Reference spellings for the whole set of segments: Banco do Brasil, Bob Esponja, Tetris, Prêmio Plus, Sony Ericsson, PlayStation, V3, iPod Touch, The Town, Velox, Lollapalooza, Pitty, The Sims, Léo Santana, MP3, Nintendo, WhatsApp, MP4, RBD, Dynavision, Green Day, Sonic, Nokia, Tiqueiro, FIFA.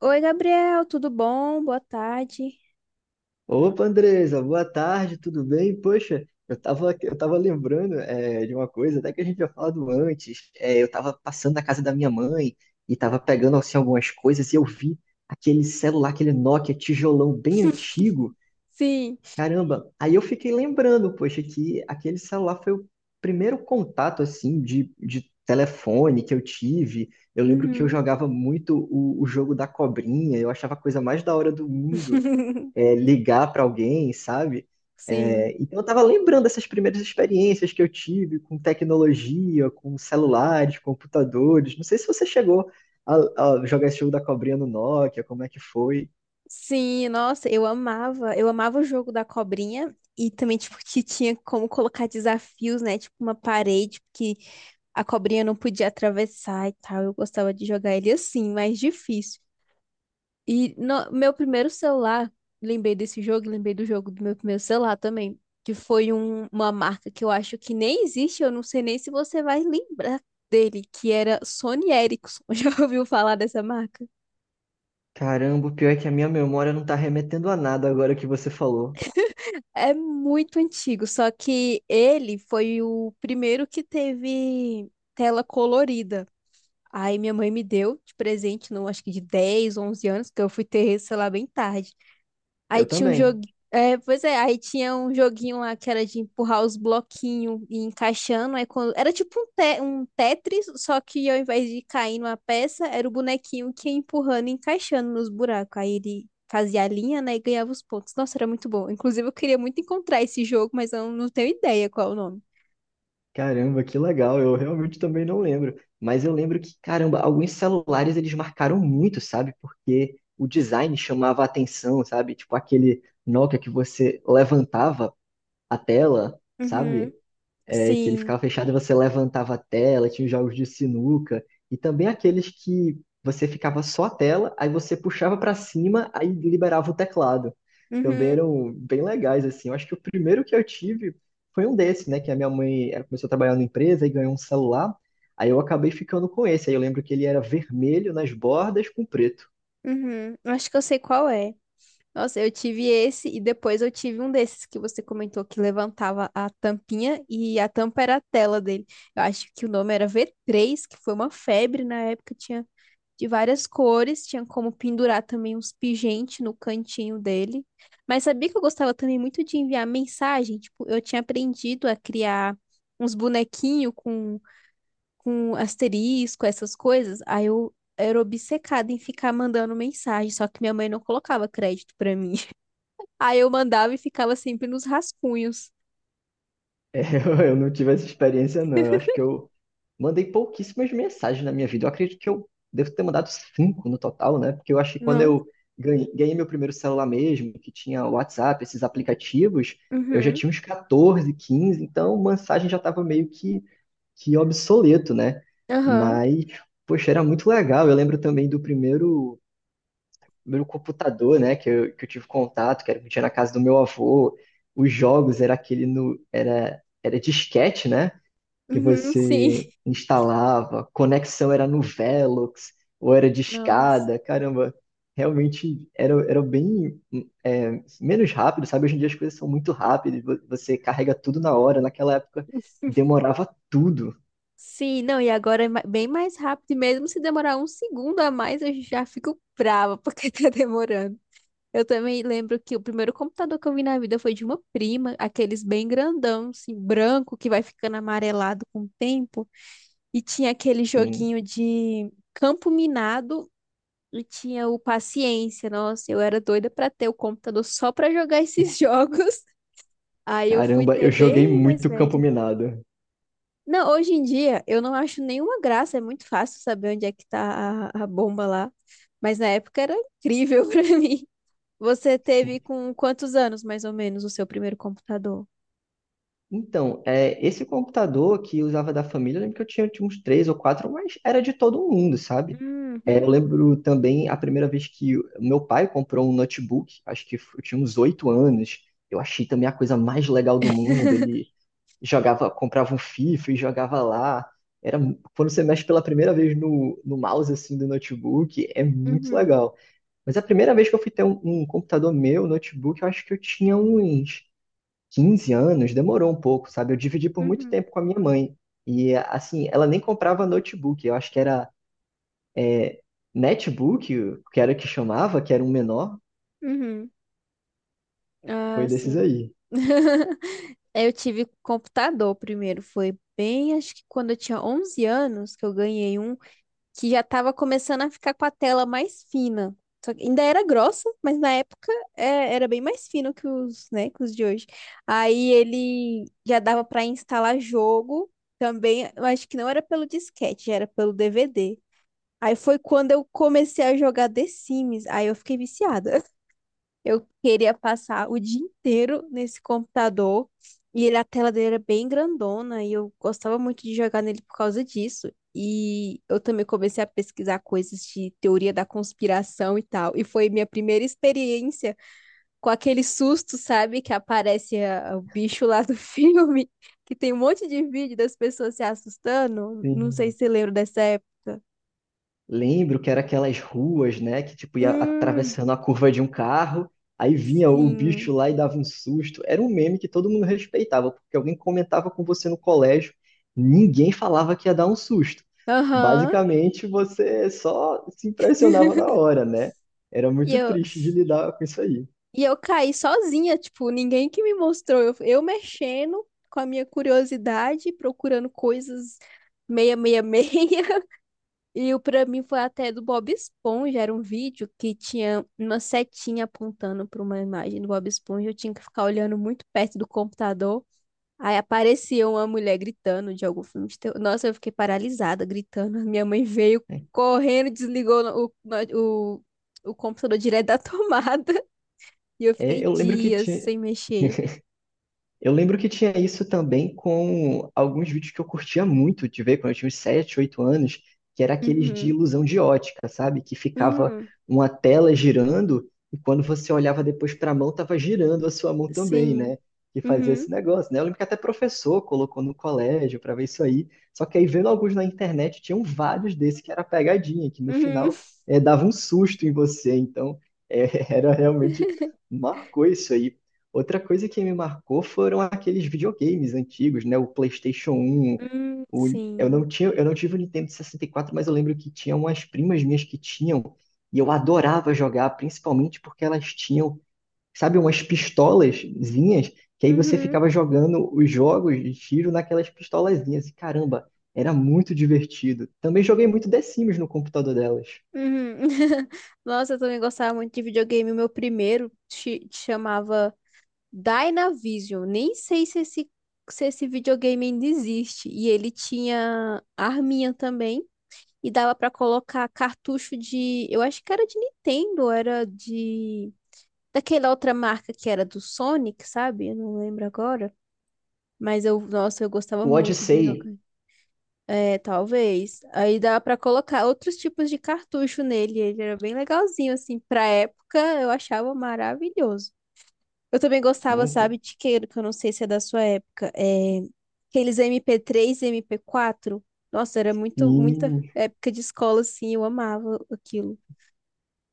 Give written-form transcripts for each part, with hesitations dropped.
Oi, Gabriel, tudo bom? Boa tarde. Opa, Andresa, boa tarde, tudo bem? Poxa, eu tava lembrando de uma coisa, até que a gente tinha falado antes. Eu tava passando na casa da minha mãe e tava pegando assim algumas coisas e eu vi aquele celular, aquele Nokia tijolão bem antigo. Sim. Caramba, aí eu fiquei lembrando, poxa, que aquele celular foi o primeiro contato assim de telefone que eu tive. Eu lembro que eu Uhum. jogava muito o jogo da cobrinha, eu achava a coisa mais da hora do mundo, ligar para alguém, sabe? É, Sim. então eu estava lembrando dessas primeiras experiências que eu tive com tecnologia, com celulares, computadores. Não sei se você chegou a jogar esse jogo da cobrinha no Nokia, como é que foi? Sim, nossa, eu amava. Eu amava o jogo da cobrinha e também, tipo, que tinha como colocar desafios, né? Tipo, uma parede que a cobrinha não podia atravessar e tal. Eu gostava de jogar ele assim, mais difícil. E no meu primeiro celular, lembrei desse jogo, e lembrei do jogo do meu primeiro celular também, que foi uma marca que eu acho que nem existe, eu não sei nem se você vai lembrar dele, que era Sony Ericsson. Já ouviu falar dessa marca? Caramba, o pior é que a minha memória não está remetendo a nada agora que você falou. É muito antigo, só que ele foi o primeiro que teve tela colorida. Aí minha mãe me deu de presente, não, acho que de 10, 11 anos, que eu fui ter, sei lá, bem tarde. Aí Eu tinha um jogo. também. É, pois é, aí tinha um joguinho lá que era de empurrar os bloquinhos e encaixando. Aí quando... Era tipo um, um Tetris, só que ao invés de cair numa peça, era o bonequinho que ia empurrando e encaixando nos buracos. Aí ele fazia a linha, né, e ganhava os pontos. Nossa, era muito bom. Inclusive, eu queria muito encontrar esse jogo, mas eu não tenho ideia qual é o nome. Caramba, que legal. Eu realmente também não lembro. Mas eu lembro que, caramba, alguns celulares eles marcaram muito, sabe? Porque o design chamava a atenção, sabe? Tipo aquele Nokia que você levantava a tela, Uhum. sabe? Que ele Sim. ficava fechado e você levantava a tela, tinha os jogos de sinuca, e também aqueles que você ficava só a tela, aí você puxava para cima, aí liberava o teclado. Também Uhum. eram bem legais, assim. Eu acho que o primeiro que eu tive foi um desses, né? Que a minha mãe ela começou a trabalhar na empresa e ganhou um celular. Aí eu acabei ficando com esse. Aí eu lembro que ele era vermelho nas bordas com preto. Uhum. Acho que eu sei qual é. Nossa, eu tive esse e depois eu tive um desses que você comentou que levantava a tampinha e a tampa era a tela dele. Eu acho que o nome era V3, que foi uma febre na época, tinha de várias cores, tinha como pendurar também uns pingentes no cantinho dele. Mas sabia que eu gostava também muito de enviar mensagem? Tipo, eu tinha aprendido a criar uns bonequinhos com asterisco, essas coisas. Aí eu era obcecada em ficar mandando mensagem, só que minha mãe não colocava crédito pra mim. Aí eu mandava e ficava sempre nos rascunhos. É, Eu não tive essa experiência, não. Eu acho que eu mandei pouquíssimas mensagens na minha vida. Eu acredito que eu devo ter mandado 5 no total, né? Porque eu acho que quando eu Nossa. ganhei meu primeiro celular mesmo, que tinha o WhatsApp, esses aplicativos, eu já Uhum. tinha uns 14, 15. Então mensagem já estava meio que obsoleto, né? Aham. Mas, poxa, era muito legal. Eu lembro também do primeiro meu computador, né, que eu tive contato, que era que tinha na casa do meu avô, os jogos era aquele no era era disquete, né, que Uhum, sim. você instalava, conexão era no Velox ou era Nossa. discada, caramba, realmente era bem, é, menos rápido, sabe? Hoje em dia as coisas são muito rápidas, você carrega tudo na hora, naquela época demorava tudo. Sim, não, e agora é bem mais rápido, e mesmo se demorar um segundo a mais, eu já fico brava porque tá demorando. Eu também lembro que o primeiro computador que eu vi na vida foi de uma prima, aqueles bem grandão, assim, branco, que vai ficando amarelado com o tempo, e tinha aquele Hum. joguinho de campo minado. E tinha o Paciência, nossa, eu era doida pra ter o computador só pra jogar esses jogos. Aí eu fui Caramba, ter eu joguei bem mais muito campo velho. minado. Não, hoje em dia eu não acho nenhuma graça, é muito fácil saber onde é que tá a bomba lá. Mas na época era incrível pra mim. Você teve com quantos anos, mais ou menos, o seu primeiro computador? Então, esse computador que eu usava da família, eu lembro que eu tinha uns três ou quatro, mas era de todo mundo, sabe? É, Uhum, eu lembro também a primeira vez que o meu pai comprou um notebook, acho que eu tinha uns 8 anos. Eu achei também a coisa mais legal do mundo. Ele jogava, comprava um FIFA e jogava lá. Era, quando você mexe pela primeira vez no mouse assim do notebook, é muito uhum, legal. Mas a primeira vez que eu fui ter um computador meu, notebook, eu acho que eu tinha uns 15 anos. Demorou um pouco, sabe? Eu dividi por muito uhum, tempo com a minha mãe. E, assim, ela nem comprava notebook. Eu acho que era é, netbook, que era o que chamava, que era um menor. uhum. Ah, Foi desses sim. aí. Eu tive computador primeiro, foi bem, acho que quando eu tinha 11 anos que eu ganhei um que já estava começando a ficar com a tela mais fina. Só que ainda era grossa, mas na época era bem mais fino que os, né, que os de hoje. Aí ele já dava para instalar jogo também, eu acho que não era pelo disquete, já era pelo DVD. Aí foi quando eu comecei a jogar The Sims, aí eu fiquei viciada. Eu queria passar o dia inteiro nesse computador e ele, a tela dele era bem grandona e eu gostava muito de jogar nele por causa disso. E eu também comecei a pesquisar coisas de teoria da conspiração e tal. E foi minha primeira experiência com aquele susto, sabe? Que aparece o bicho lá do filme, que tem um monte de vídeo das pessoas se assustando. Não sei Sim. se você lembra dessa época. Lembro que era aquelas ruas, né, que tipo ia Hum, atravessando a curva de um carro, aí vinha o sim. bicho lá e dava um susto. Era um meme que todo mundo respeitava, porque alguém comentava com você no colégio, ninguém falava que ia dar um susto. Aham. Basicamente, você só se impressionava na hora, né? Era E muito eu. triste de lidar com isso aí, E eu caí sozinha, tipo, ninguém que me mostrou. Eu mexendo com a minha curiosidade, procurando coisas meia, meia, meia. E o pra mim foi até do Bob Esponja. Era um vídeo que tinha uma setinha apontando pra uma imagem do Bob Esponja. Eu tinha que ficar olhando muito perto do computador. Aí aparecia uma mulher gritando de algum filme de terror. Nossa, eu fiquei paralisada, gritando. Minha mãe veio né? correndo, desligou o, o computador direto da tomada. E eu É, fiquei eu lembro que dias tinha, sem mexer. Eu lembro que tinha isso também com alguns vídeos que eu curtia muito de ver quando eu tinha uns 7, 8 anos, que era aqueles de Uhum. ilusão de ótica, sabe? Que ficava Hum. uma tela girando e quando você olhava depois para a mão, tava girando a sua mão também, Sim, né? Que fazia esse Uhum. negócio, né? Eu lembro que até professor colocou no colégio para ver isso aí. Só que aí vendo alguns na internet, tinham vários desses que era pegadinha, que no Uhum. final dava um susto em você. Então, era realmente marcou isso aí. Outra coisa que me marcou foram aqueles videogames antigos, né? O PlayStation 1, Hum, o- eu sim. não tinha, eu não tive o Nintendo 64, mas eu lembro que tinha umas primas minhas que tinham, e eu adorava jogar, principalmente porque elas tinham, sabe, umas pistolazinhas, que aí Uhum. você Uhum. ficava jogando os jogos de tiro naquelas pistolazinhas. E caramba, era muito divertido. Também joguei muito The Sims no computador delas. Nossa, eu também gostava muito de videogame. O meu primeiro chamava Dynavision. Nem sei se esse, se esse videogame ainda existe. E ele tinha arminha também. E dava pra colocar cartucho de. Eu acho que era de Nintendo, era de. Daquela outra marca que era do Sonic, sabe? Eu não lembro agora. Mas eu, nossa, eu gostava O muito de jogar. Odyssey, É, talvez. Aí dá pra colocar outros tipos de cartucho nele. Ele era bem legalzinho, assim. Pra época, eu achava maravilhoso. Eu também gostava, não, sabe, de Tiqueiro, que eu não sei se é da sua época. É, aqueles MP3, e MP4. Nossa, era muito, muita e época de escola, assim. Eu amava aquilo.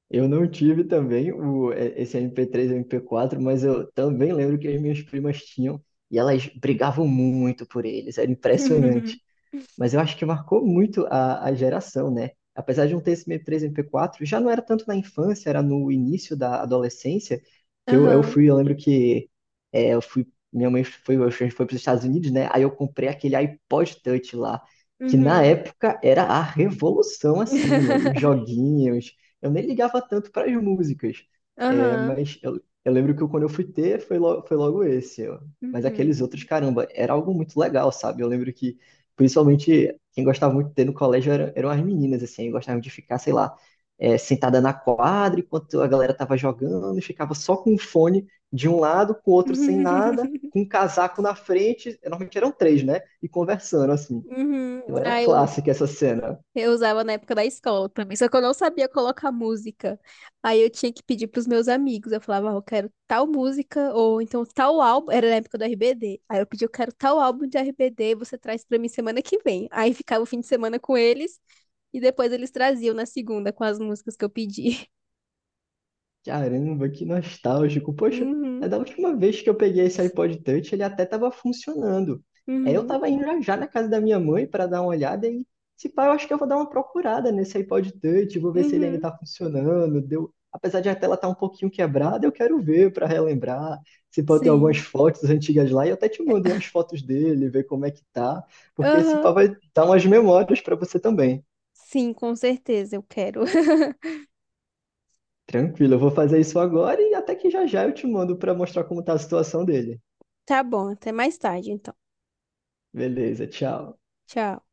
eu não tive também esse MP3 e MP4, mas eu também lembro que as minhas primas tinham e elas brigavam muito por eles, era impressionante. Mas eu acho que marcou muito a geração, né? Apesar de não ter esse MP3, MP4, já não era tanto na infância, era no início da adolescência, que eu Aham. fui, eu lembro que, é, eu fui, minha mãe foi, a gente foi para os Estados Unidos, né? Aí eu comprei aquele iPod Touch lá, que na Uhum. época era a revolução, assim, os joguinhos. Eu nem ligava tanto para as músicas, Aham. mas eu lembro que quando eu fui ter, foi logo esse. Ó. Mas Uhum. aqueles outros, caramba, era algo muito legal, sabe? Eu lembro que Principalmente quem gostava muito de ter no colégio eram as meninas, assim, gostavam de ficar, sei lá, sentada na quadra enquanto a galera tava jogando, e ficava só com o fone de um lado, com o outro sem nada, com um casaco na frente, normalmente eram três, né? E conversando, assim. Uhum. Então era Aí clássica essa cena. eu usava na época da escola também, só que eu não sabia colocar música. Aí eu tinha que pedir pros meus amigos. Eu falava, "Ah, eu quero tal música, ou então tal álbum. Era na época do RBD. Aí eu pedi, eu quero tal álbum de RBD, você traz pra mim semana que vem. Aí ficava o fim de semana com eles, e depois eles traziam na segunda com as músicas que eu pedi. Caramba, que nostálgico. Poxa, Uhum, é da última vez que eu peguei esse iPod Touch, ele até estava funcionando. É, eu uhum, estava indo já já na casa da minha mãe para dar uma olhada e, se pá, eu acho que eu vou dar uma procurada nesse iPod Touch, vou ver se ele ainda uhum. está funcionando. Deu... Apesar de a tela estar um pouquinho quebrada, eu quero ver para relembrar. Se pá, tem algumas Sim. fotos antigas lá e eu até te mando umas fotos dele, ver como é que tá, porque se pá Aham. vai dar umas memórias para você também. Sim, com certeza eu quero. Tranquilo, eu vou fazer isso agora e até que já já eu te mando para mostrar como tá a situação dele. Tá bom, até mais tarde então. Beleza, tchau. Tchau.